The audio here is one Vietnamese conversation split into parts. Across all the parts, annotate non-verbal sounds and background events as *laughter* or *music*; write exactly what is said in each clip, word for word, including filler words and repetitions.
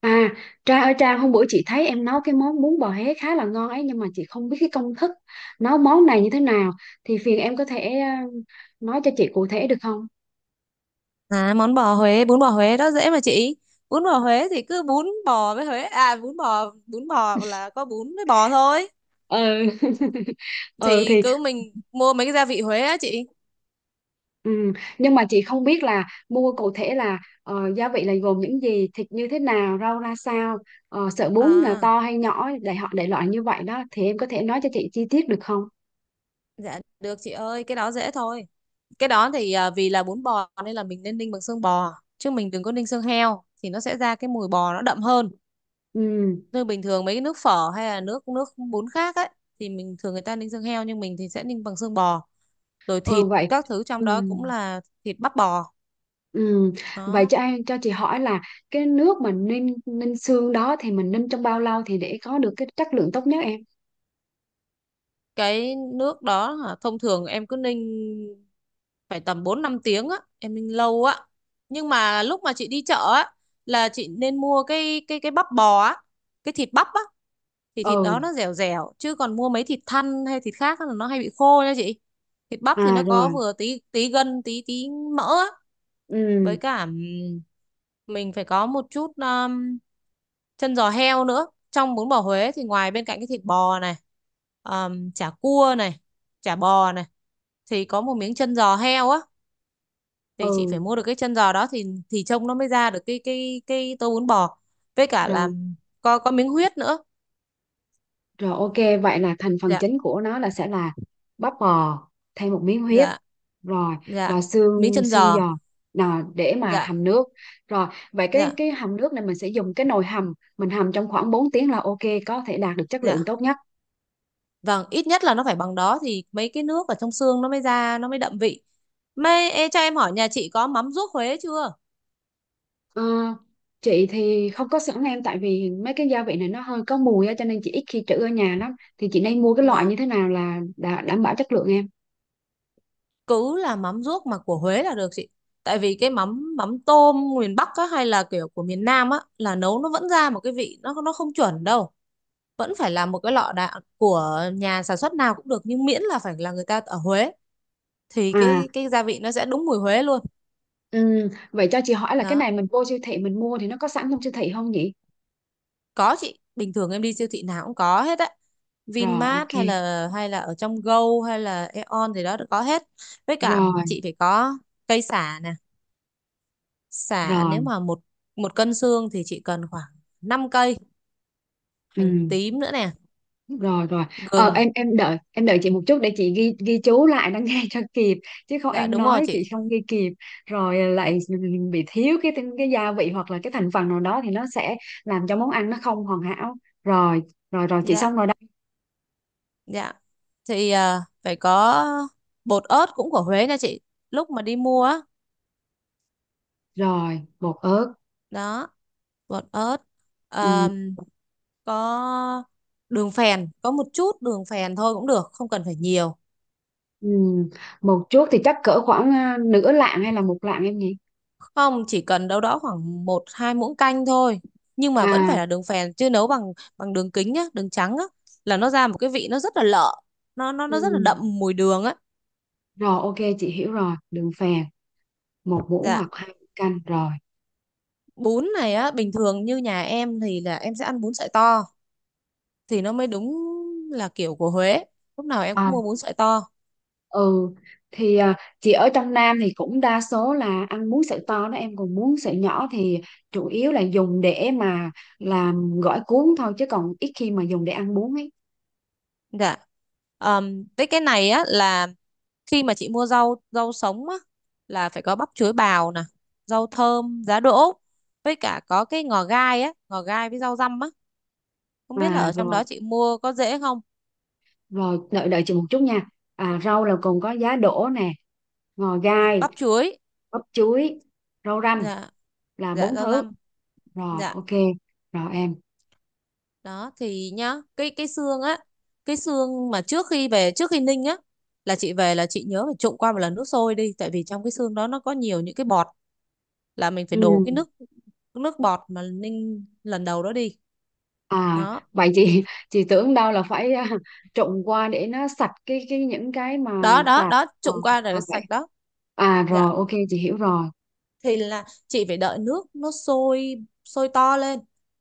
À, Trang ơi Trang, hôm bữa chị thấy em nấu cái món bún bò Huế khá là ngon ấy, nhưng mà chị không biết cái công thức nấu món này như thế nào thì phiền em có thể ờ, nói cho chị cụ thể được không? À, món bò Huế, bún bò Huế đó dễ mà chị. Bún bò Huế thì cứ bún bò với Huế, à bún bò, bún bò là có bún với bò thôi. Ừ. *laughs* Ừ Thì thì cứ mình mua mấy cái gia vị Huế á chị. ừ. Nhưng mà chị không biết là mua cụ thể là ờ, gia vị là gồm những gì, thịt như thế nào, rau ra sao, ờ, sợi bún là À, to hay nhỏ để họ để loại như vậy đó, thì em có thể nói cho chị chi tiết được không? dạ được chị ơi, cái đó dễ thôi. Cái đó thì à, vì là bún bò nên là mình nên ninh bằng xương bò, chứ mình đừng có ninh xương heo thì nó sẽ ra cái mùi bò nó đậm hơn. Ừ. Như bình thường mấy cái nước phở hay là nước nước bún khác ấy thì mình thường người ta ninh xương heo nhưng mình thì sẽ ninh bằng xương bò. Rồi Ừ thịt vậy. các thứ trong Ừ. đó cũng là thịt bắp bò Ừ. Vậy đó. cho anh cho chị hỏi là cái nước mà ninh ninh xương đó thì mình ninh trong bao lâu thì để có được cái chất lượng tốt nhất em? Cái nước đó hả, thông thường em cứ ninh phải tầm bốn năm tiếng á, em ninh lâu á. Nhưng mà lúc mà chị đi chợ á là chị nên mua cái cái cái bắp bò á, cái thịt bắp á thì thịt Ừ, đó nó dẻo dẻo chứ còn mua mấy thịt thăn hay thịt khác á là nó hay bị khô nha chị. Thịt bắp thì à nó có rồi. vừa tí tí gân tí tí mỡ á, Ừ, với cả mình phải có một chút um, chân giò heo nữa. Trong bún bò Huế thì ngoài bên cạnh cái thịt bò này, um, chả cua này, chả bò này, thì có một miếng chân giò heo á, ừ, thì chị phải mua được cái chân giò đó thì thì trông nó mới ra được cái cái cái tô bún bò, với cả là rồi, có có miếng huyết nữa. rồi, ok, vậy là thành phần Dạ, chính của nó là sẽ là bắp bò thêm một miếng huyết. dạ, Rồi, dạ, và miếng xương chân xương giò. giòn nào để mà Dạ, hầm nước. Rồi, vậy cái dạ, cái hầm nước này mình sẽ dùng cái nồi hầm, mình hầm trong khoảng bốn tiếng là ok, có thể đạt được chất lượng dạ. tốt nhất. Vâng, ít nhất là nó phải bằng đó thì mấy cái nước ở trong xương nó mới ra, nó mới đậm vị. Mê, ê, cho em hỏi nhà chị có mắm ruốc Huế chưa? Ờ, chị thì không có sẵn em, tại vì mấy cái gia vị này nó hơi có mùi á, cho nên chị ít khi trữ ở nhà lắm, thì chị nên mua cái loại Vâng, như thế nào là đã đảm bảo chất lượng em? cứ là mắm ruốc mà của Huế là được chị. Tại vì cái mắm mắm tôm miền Bắc á, hay là kiểu của miền Nam á là nấu nó vẫn ra một cái vị nó nó không chuẩn đâu. Vẫn phải là một cái lọ đạn của nhà sản xuất nào cũng được nhưng miễn là phải là người ta ở Huế thì À, cái cái gia vị nó sẽ đúng mùi Huế luôn. ừm, vậy cho chị hỏi là cái Đó. này mình vô siêu thị mình mua thì nó có sẵn trong siêu thị không nhỉ? Có chị, bình thường em đi siêu thị nào cũng có hết á. Rồi vin mát ok. hay là hay là ở trong Go hay là ây ôn gì đó đều có hết. Với cả Rồi chị phải có cây sả nè. Sả nếu rồi. mà một một cân xương thì chị cần khoảng năm cây, hành Ừ. tím nữa nè, Rồi rồi. ờ, gừng. em em đợi em đợi chị một chút để chị ghi ghi chú lại nó *laughs* nghe cho kịp, chứ không Dạ em đúng rồi nói chị chị. không ghi kịp. Rồi, ờ, lại bị thiếu cái cái gia vị hoặc là cái thành phần nào đó thì nó sẽ làm cho món ăn nó không hoàn hảo. Rồi, rồi rồi, chị Dạ, xong rồi đây. dạ. Thì à, phải có bột ớt cũng của Huế nha chị. Lúc mà đi mua á, Rồi bột ớt. đó bột ớt. Ừ, Ờm, có đường phèn, có một chút đường phèn thôi cũng được, không cần phải nhiều. ừ. Một chút thì chắc cỡ khoảng à, nửa lạng hay là một lạng em nhỉ? Không, chỉ cần đâu đó khoảng một hai muỗng canh thôi, nhưng mà vẫn À. phải là đường phèn chứ nấu bằng bằng đường kính nhá, đường trắng á là nó ra một cái vị nó rất là lợ, nó nó Ừ. nó rất là đậm mùi đường á. Rồi ok, chị hiểu rồi. Đường phèn một muỗng Dạ, hoặc hai muỗng canh. Rồi. bún này á bình thường như nhà em thì là em sẽ ăn bún sợi to, thì nó mới đúng là kiểu của Huế, lúc nào em cũng à, mua bún sợi to. ừ thì à, chị ở trong Nam thì cũng đa số là ăn muối sợi to đó em, còn muối sợi nhỏ thì chủ yếu là dùng để mà làm gỏi cuốn thôi, chứ còn ít khi mà dùng để ăn bún ấy. Dạ. Ờm, với cái này á là khi mà chị mua rau rau sống á là phải có bắp chuối bào nè, rau thơm, giá đỗ, với cả có cái ngò gai á, ngò gai với rau răm á, không biết là À ở trong rồi. đó chị mua có dễ không. Rồi đợi đợi chị một chút nha. À, rau là còn có giá đỗ nè, ngò gai, Bắp chuối. bắp chuối, rau răm, Dạ, là dạ, bốn rau thứ. răm. Rồi Dạ. ok. Rồi em. Đó thì nhá, cái cái xương á, cái xương mà trước khi về trước khi ninh á, là chị về là chị nhớ phải trụng qua một lần nước sôi đi, tại vì trong cái xương đó nó có nhiều những cái bọt, là mình phải Ừ. đổ cái nước, nước bọt mà ninh lần đầu đó đi. À Đó, vậy chị *laughs* chị tưởng đâu là phải à, trộn qua để nó sạch cái cái những cái mà đó, đó, tạp. đó, À. trụng qua À rồi vậy. sạch đó. À Dạ. rồi ok, chị hiểu rồi. Thì là chị phải đợi nước nó sôi, sôi to lên,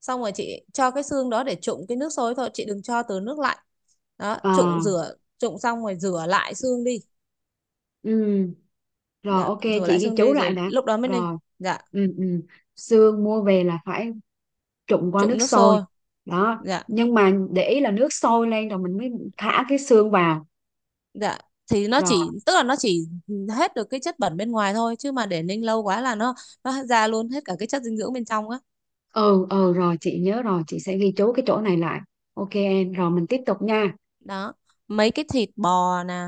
xong rồi chị cho cái xương đó để trụng cái nước sôi thôi, chị đừng cho từ nước lạnh. Đó, trụng À. rửa, trụng xong rồi rửa lại xương đi. Ừ rồi Dạ, ok. rửa Chị lại ghi xương chú đi lại rồi đã. lúc đó mới ninh. Rồi. Dạ. Ừ, ừ. Xương mua về là phải trụng qua Trụng nước nước sôi sôi. đó, Dạ. nhưng mà để ý là nước sôi lên rồi mình mới thả cái xương vào. Dạ. Thì nó Rồi. chỉ tức là nó chỉ hết được cái chất bẩn bên ngoài thôi, chứ mà để ninh lâu quá là nó nó ra luôn hết cả cái chất dinh dưỡng bên trong á. Ừ, ừ, rồi chị nhớ rồi, chị sẽ ghi chú cái chỗ này lại. Ok em, rồi mình tiếp tục nha. Đó, mấy cái thịt bò nè,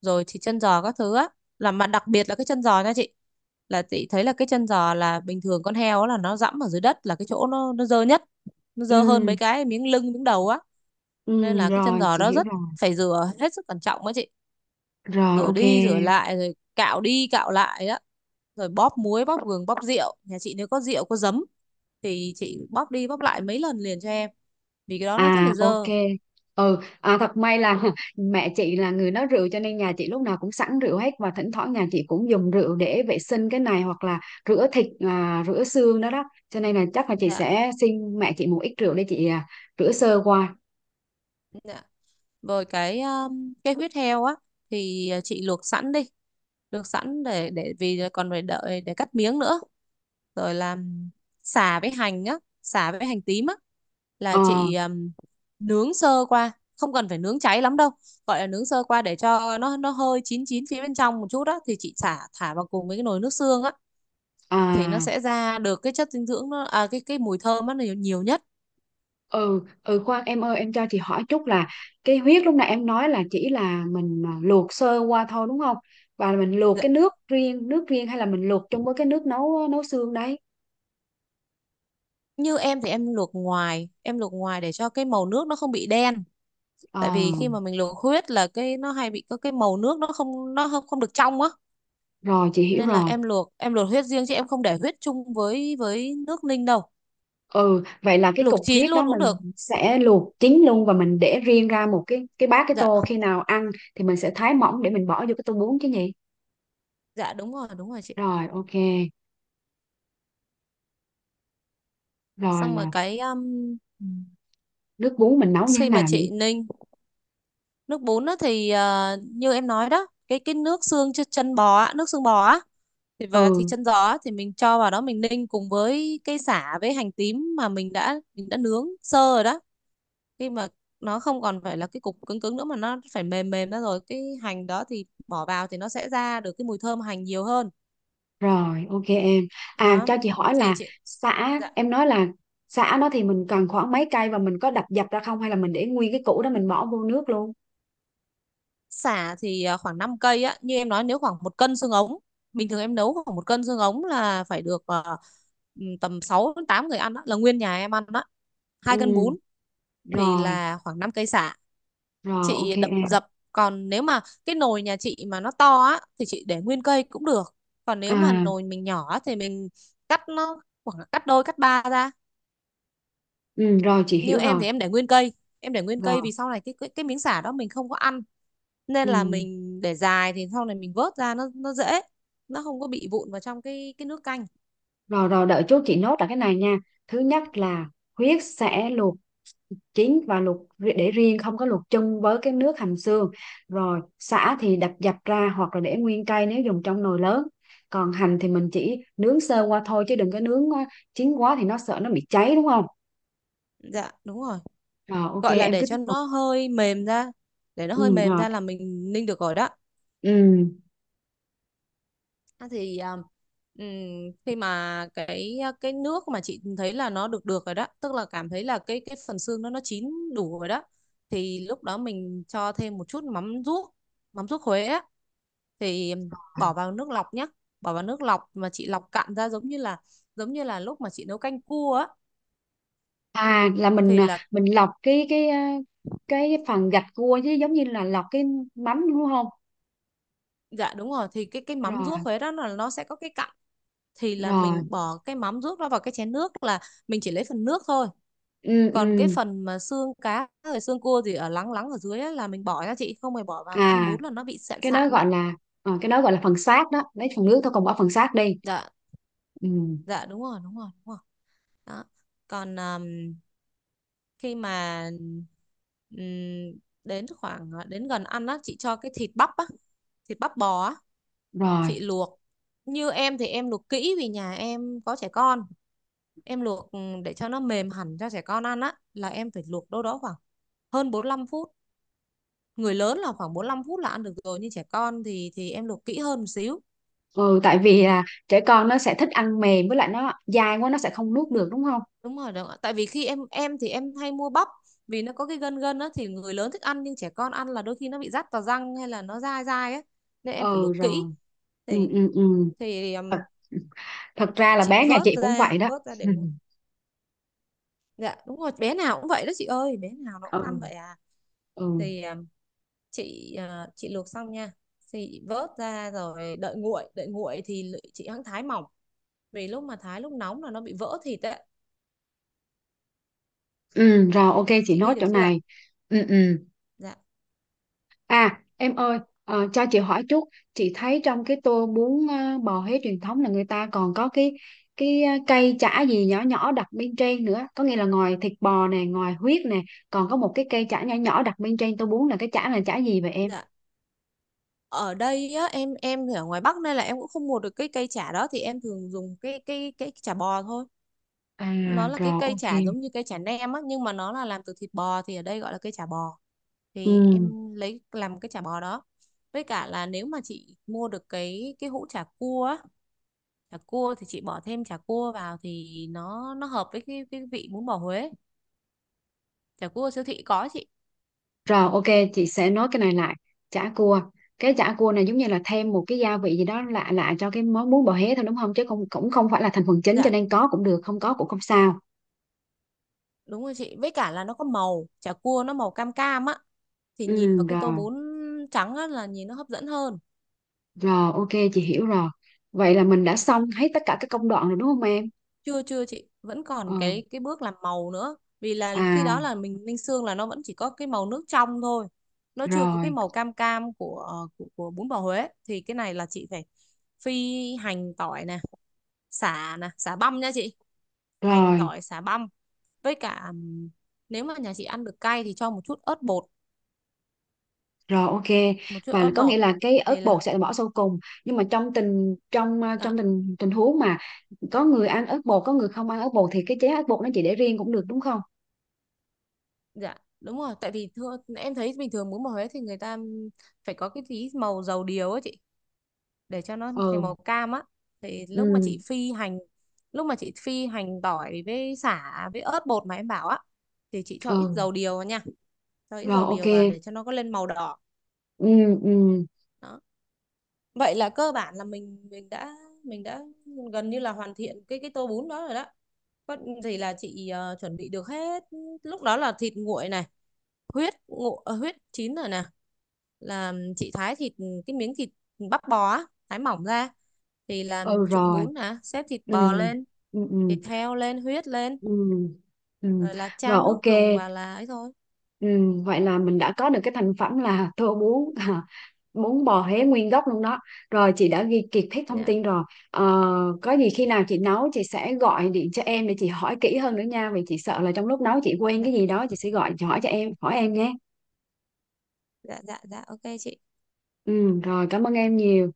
rồi thì chân giò các thứ á, là mà đặc biệt là cái chân giò nha chị. Là chị thấy là cái chân giò là bình thường con heo á là nó dẫm ở dưới đất là cái chỗ nó nó dơ nhất, nó dơ hơn Ừ, mấy cái miếng lưng miếng đầu á, nên ừ, là cái chân rồi giò chị đó hiểu rất rồi. phải rửa hết sức cẩn trọng á chị. Rồi Rửa ok đi rửa em. lại rồi cạo đi cạo lại á, rồi bóp muối, bóp gừng, bóp rượu, nhà chị nếu có rượu có giấm thì chị bóp đi bóp lại mấy lần liền cho em, vì cái đó nó rất là À ok. dơ. Ừ, à, thật may là *laughs* mẹ chị là người nấu rượu, cho nên nhà chị lúc nào cũng sẵn rượu hết, và thỉnh thoảng nhà chị cũng dùng rượu để vệ sinh cái này, hoặc là rửa thịt, à, rửa xương đó đó. Cho nên là chắc là chị Dạ, sẽ xin mẹ chị một ít rượu để chị à, rửa sơ qua. dạ. Rồi cái um, cái huyết heo á, thì ờ, chị luộc sẵn đi, luộc sẵn để để vì còn phải đợi để cắt miếng nữa. Rồi làm sả với hành á, sả với hành tím á, Ờ. là chị um, nướng sơ qua, không cần phải nướng cháy lắm đâu. Gọi là nướng sơ qua để cho nó nó hơi chín chín phía bên trong một chút đó, thì chị xả thả vào cùng với cái nồi nước xương á, thì nó À. sẽ ra được cái chất dinh dưỡng nó à, cái cái mùi thơm nó nhiều, nhiều nhất. Ừ, ừ, khoan em ơi, em cho chị hỏi chút là cái huyết lúc nãy em nói là chỉ là mình à, luộc sơ qua thôi đúng không? Và mình luộc Dạ. cái nước riêng, nước riêng hay là mình luộc chung với cái nước nấu nấu xương đấy? Như em thì em luộc ngoài, em luộc ngoài để cho cái màu nước nó không bị đen, Ờ, tại vì khi mà mình luộc huyết là cái nó hay bị có cái màu nước nó không nó không không được trong á, rồi chị hiểu nên là rồi. em luộc em luộc huyết riêng chứ em không để huyết chung với với nước ninh đâu. Ừ, vậy là cái cục Luộc chín huyết đó luôn cũng mình được. sẽ luộc chín luôn và mình để riêng ra một cái cái bát cái Dạ. tô, khi nào ăn thì mình sẽ thái mỏng để mình bỏ vô cái tô bún chứ nhỉ? Dạ đúng rồi, đúng rồi chị. Rồi, ok. Rồi Xong rồi là cái um, ừ, nước bún mình nấu như thế khi mà nào nhỉ? chị ninh nước bún á thì ờ, như em nói đó, cái cái nước xương ch- chân bò á, nước xương bò á, thì và thịt Ừ, chân giò á, thì mình cho vào đó mình ninh cùng với cây sả với hành tím mà mình đã mình đã nướng sơ rồi đó. Khi mà nó không còn phải là cái cục cứng cứng nữa mà nó phải mềm mềm ra rồi, cái hành đó thì bỏ vào thì nó sẽ ra được cái mùi thơm hành nhiều hơn. rồi, ok em. À Đó cho chị hỏi thì là chị. sả Dạ. em nói, là sả đó thì mình cần khoảng mấy cây, và mình có đập dập ra không hay là mình để nguyên cái củ đó mình bỏ vô nước luôn? Sả thì à, khoảng năm cây á như em nói, nếu khoảng một cân xương ống, bình thường em nấu khoảng một cân xương ống là phải được à, ừ, tầm sáu đến tám người ăn đó, là nguyên nhà em ăn đó, hai cân Ừ, bún Thì rồi, là khoảng năm cây sả, rồi ok chị đập em. dập. Còn nếu mà cái nồi nhà chị mà nó to á thì chị để nguyên cây cũng được, còn À, nếu mà nồi mình nhỏ á, thì mình cắt nó khoảng cắt đôi cắt ba ra. ừ, rồi chị Như hiểu em rồi. thì em để nguyên cây, em để nguyên Rồi. cây vì sau này cái cái, cái miếng sả đó mình không có ăn, nên Ừ. là mình để dài thì sau này mình vớt ra nó nó dễ, nó không có bị vụn vào trong cái cái nước canh. Rồi rồi, đợi chút chị nốt lại cái này nha. Thứ nhất là huyết sẽ luộc chín và luộc ri- để riêng, không có luộc chung với cái nước hầm xương. Rồi sả thì đập dập ra hoặc là để nguyên cây nếu dùng trong nồi lớn. Còn hành thì mình chỉ nướng sơ qua thôi, chứ đừng có nướng quá chín quá thì nó sợ nó bị cháy đúng không? Dạ đúng rồi. Rồi ok Gọi là em, để cứ tiếp cho tục. nó hơi mềm ra, để nó hơi Ừ mềm rồi. ra là mình ninh được rồi đó. Ừ. À, thì um, ừm, khi mà cái cái nước mà chị thấy là nó được được rồi đó, tức là cảm thấy là cái cái phần xương nó nó chín đủ rồi đó, thì lúc đó mình cho thêm một chút mắm ruốc, mắm ruốc Huế á, thì bỏ vào nước lọc nhé, bỏ vào nước lọc mà chị lọc cạn ra, giống như là giống như là lúc mà chị nấu canh cua á, À là mình thì à, là. mình lọc cái cái à, cái phần gạch cua, chứ giống như là lọc cái mắm đúng không? Dạ đúng rồi, thì cái cái mắm Rồi ruốc Huế đó là nó sẽ có cái cặn, thì là rồi. mình bỏ cái mắm ruốc đó vào cái chén nước, là mình chỉ lấy phần nước thôi. Ừ Còn cái ừ. phần mà xương cá rồi xương cua gì ở lắng lắng ở dưới ấy, là mình bỏ nha chị, không phải bỏ vào ăn À, bún là nó bị sạn cái đó sạn đấy. gọi là ờ, cái đó gọi là phần xác đó, lấy phần nước thôi còn bỏ phần xác đi. Dạ, Ừ, dạ đúng rồi, đúng rồi, đúng rồi. Đó. Còn um, khi mà um, đến khoảng ờ, đến gần ăn á, chị cho cái thịt Bắp á, thịt bắp bò á, rồi. chị luộc. Như em thì em luộc kỹ vì nhà em có trẻ con. Em luộc ừ, để cho nó mềm hẳn cho trẻ con ăn á, là em phải luộc đâu đó khoảng hơn bốn lăm phút. Người lớn là khoảng bốn lăm phút là ăn được rồi, nhưng trẻ con thì thì em luộc kỹ hơn một xíu. Ừ, tại vì là trẻ con nó sẽ thích ăn mềm, với lại nó dai quá nó sẽ không nuốt được đúng không? Đúng rồi, đúng ạ. Tại vì khi em em thì em hay mua bắp, vì nó có cái gân gân á thì người lớn thích ăn, nhưng trẻ con ăn là đôi khi nó bị rát vào răng hay là nó dai dai á, nên em phải Ừ luộc kỹ. rồi. Ừ, Thì ừ, ừ. thì um, Thật, thật ra là Chị bé nhà vớt chị cũng ra, vậy đó. vớt ra để *laughs* nguội. Dạ đúng rồi, bé nào cũng vậy đó chị ơi, bé nào nó cũng Ừ, ăn vậy à. ừ. Thì um, Chị à, chị luộc xong nha, thì chị vớt ra rồi đợi nguội, đợi nguội thì chị hãng thái mỏng, vì lúc mà thái lúc nóng là nó bị vỡ thịt ấy. Ừ rồi ok, chị Chị nốt ghi được chỗ chưa ạ? này. Ừ, ừ. Dạ À em ơi, ờ, cho chị hỏi chút. Chị thấy trong cái tô bún ờ, bò Huế truyền thống là người ta còn có cái cái ờ, cây chả gì nhỏ nhỏ đặt bên trên nữa, có nghĩa là ngoài thịt bò nè, ngoài huyết nè, còn có một cái cây chả nhỏ nhỏ đặt bên trên tô bún, là cái chả là chả gì vậy em? dạ. Ở đây á, em em thì ở ngoài Bắc nên là em cũng không mua được cái cây chả đó, thì em thường dùng cái cái cái chả bò thôi. À Nó là cái rồi cây ok. chả giống như cây chả nem á, nhưng mà nó là làm từ thịt bò, thì ở đây gọi là cây chả bò. Thì Ừ. em lấy làm cái chả bò đó. Với cả là nếu mà chị mua được cái cái hũ chả cua á, chả cua thì chị bỏ thêm chả cua vào thì nó nó hợp với cái cái vị bún bò Huế. Chả cua siêu thị có chị. Rồi ok, chị sẽ nói cái này lại. Chả cua. Cái chả cua này giống như là thêm một cái gia vị gì đó lạ lạ cho cái món bún bò Huế thôi đúng không? Chứ không cũng không phải là thành phần chính, cho Dạ nên có cũng được không có cũng không sao. đúng rồi chị, với cả là nó có màu, chả cua nó màu cam cam á, thì nhìn Ừ vào cái tô rồi. bún trắng á là nhìn nó hấp dẫn hơn. Rồi, ok, chị hiểu rồi. Vậy là mình đã xong hết tất cả các công đoạn rồi đúng không em? Chưa chưa, chị vẫn Ờ, còn cái cái bước làm màu nữa, vì là khi đó à, là mình ninh xương là nó vẫn chỉ có cái màu nước trong thôi. Nó chưa có cái rồi, màu cam cam của ờ, của, của bún bò Huế, thì cái này là chị phải phi hành tỏi nè, sả nè, sả băm nha chị. Hành rồi, tỏi sả băm, với cả ừm, nếu mà nhà chị ăn được cay thì cho một chút ớt bột, rồi, ok. một chút Và ớt có nghĩa bột. là cái ớt thì là bột sẽ bỏ sau cùng. Nhưng mà trong tình trong ờ, à, trong tình tình huống mà có người ăn ớt bột, có người không ăn ớt bột, thì cái chén ớt bột nó chị để riêng cũng được đúng không? Dạ đúng rồi, tại vì thưa, em thấy bình thường muốn màu Huế thì người ta phải có cái tí màu dầu điều á chị, để cho nó thành Ừ, màu cam á. Thì lúc mà ừ, chị phi hành lúc mà chị phi hành tỏi với sả với ớt bột mà em bảo á, thì chị cho ít ừ, dầu điều vào nha, cho ít rồi, dầu ok. điều vào để cho nó có lên màu đỏ. Ừ, ừ. Đó, vậy là cơ bản là mình mình đã mình đã gần như là hoàn thiện cái cái tô bún đó rồi đó. Có gì là chị ờ, chuẩn bị được hết. Lúc đó là thịt nguội này, huyết ngộ ờ, huyết chín rồi nè, là chị thái thịt, cái miếng thịt bắp bò á, thái mỏng ra, thì làm Ừ trụng rồi. bún nè, xếp thịt Ừ bò lên, ừ ừ thịt heo lên, huyết lên, ừ ừ. rồi là Rồi chan ok. nước dùng và là ấy thôi. Ừ, vậy là mình đã có được cái thành phẩm là tô bún *laughs* bún bò Huế nguyên gốc luôn đó. Rồi chị đã ghi kiệt hết thông dạ tin rồi. ờ, có gì khi nào chị nấu chị sẽ gọi điện cho em để chị hỏi kỹ hơn nữa nha, vì chị sợ là trong lúc nấu chị quên dạ cái gì đó chị sẽ gọi chị hỏi cho em hỏi em nhé. dạ dạ dạ, ok chị. Ừ rồi, cảm ơn em nhiều.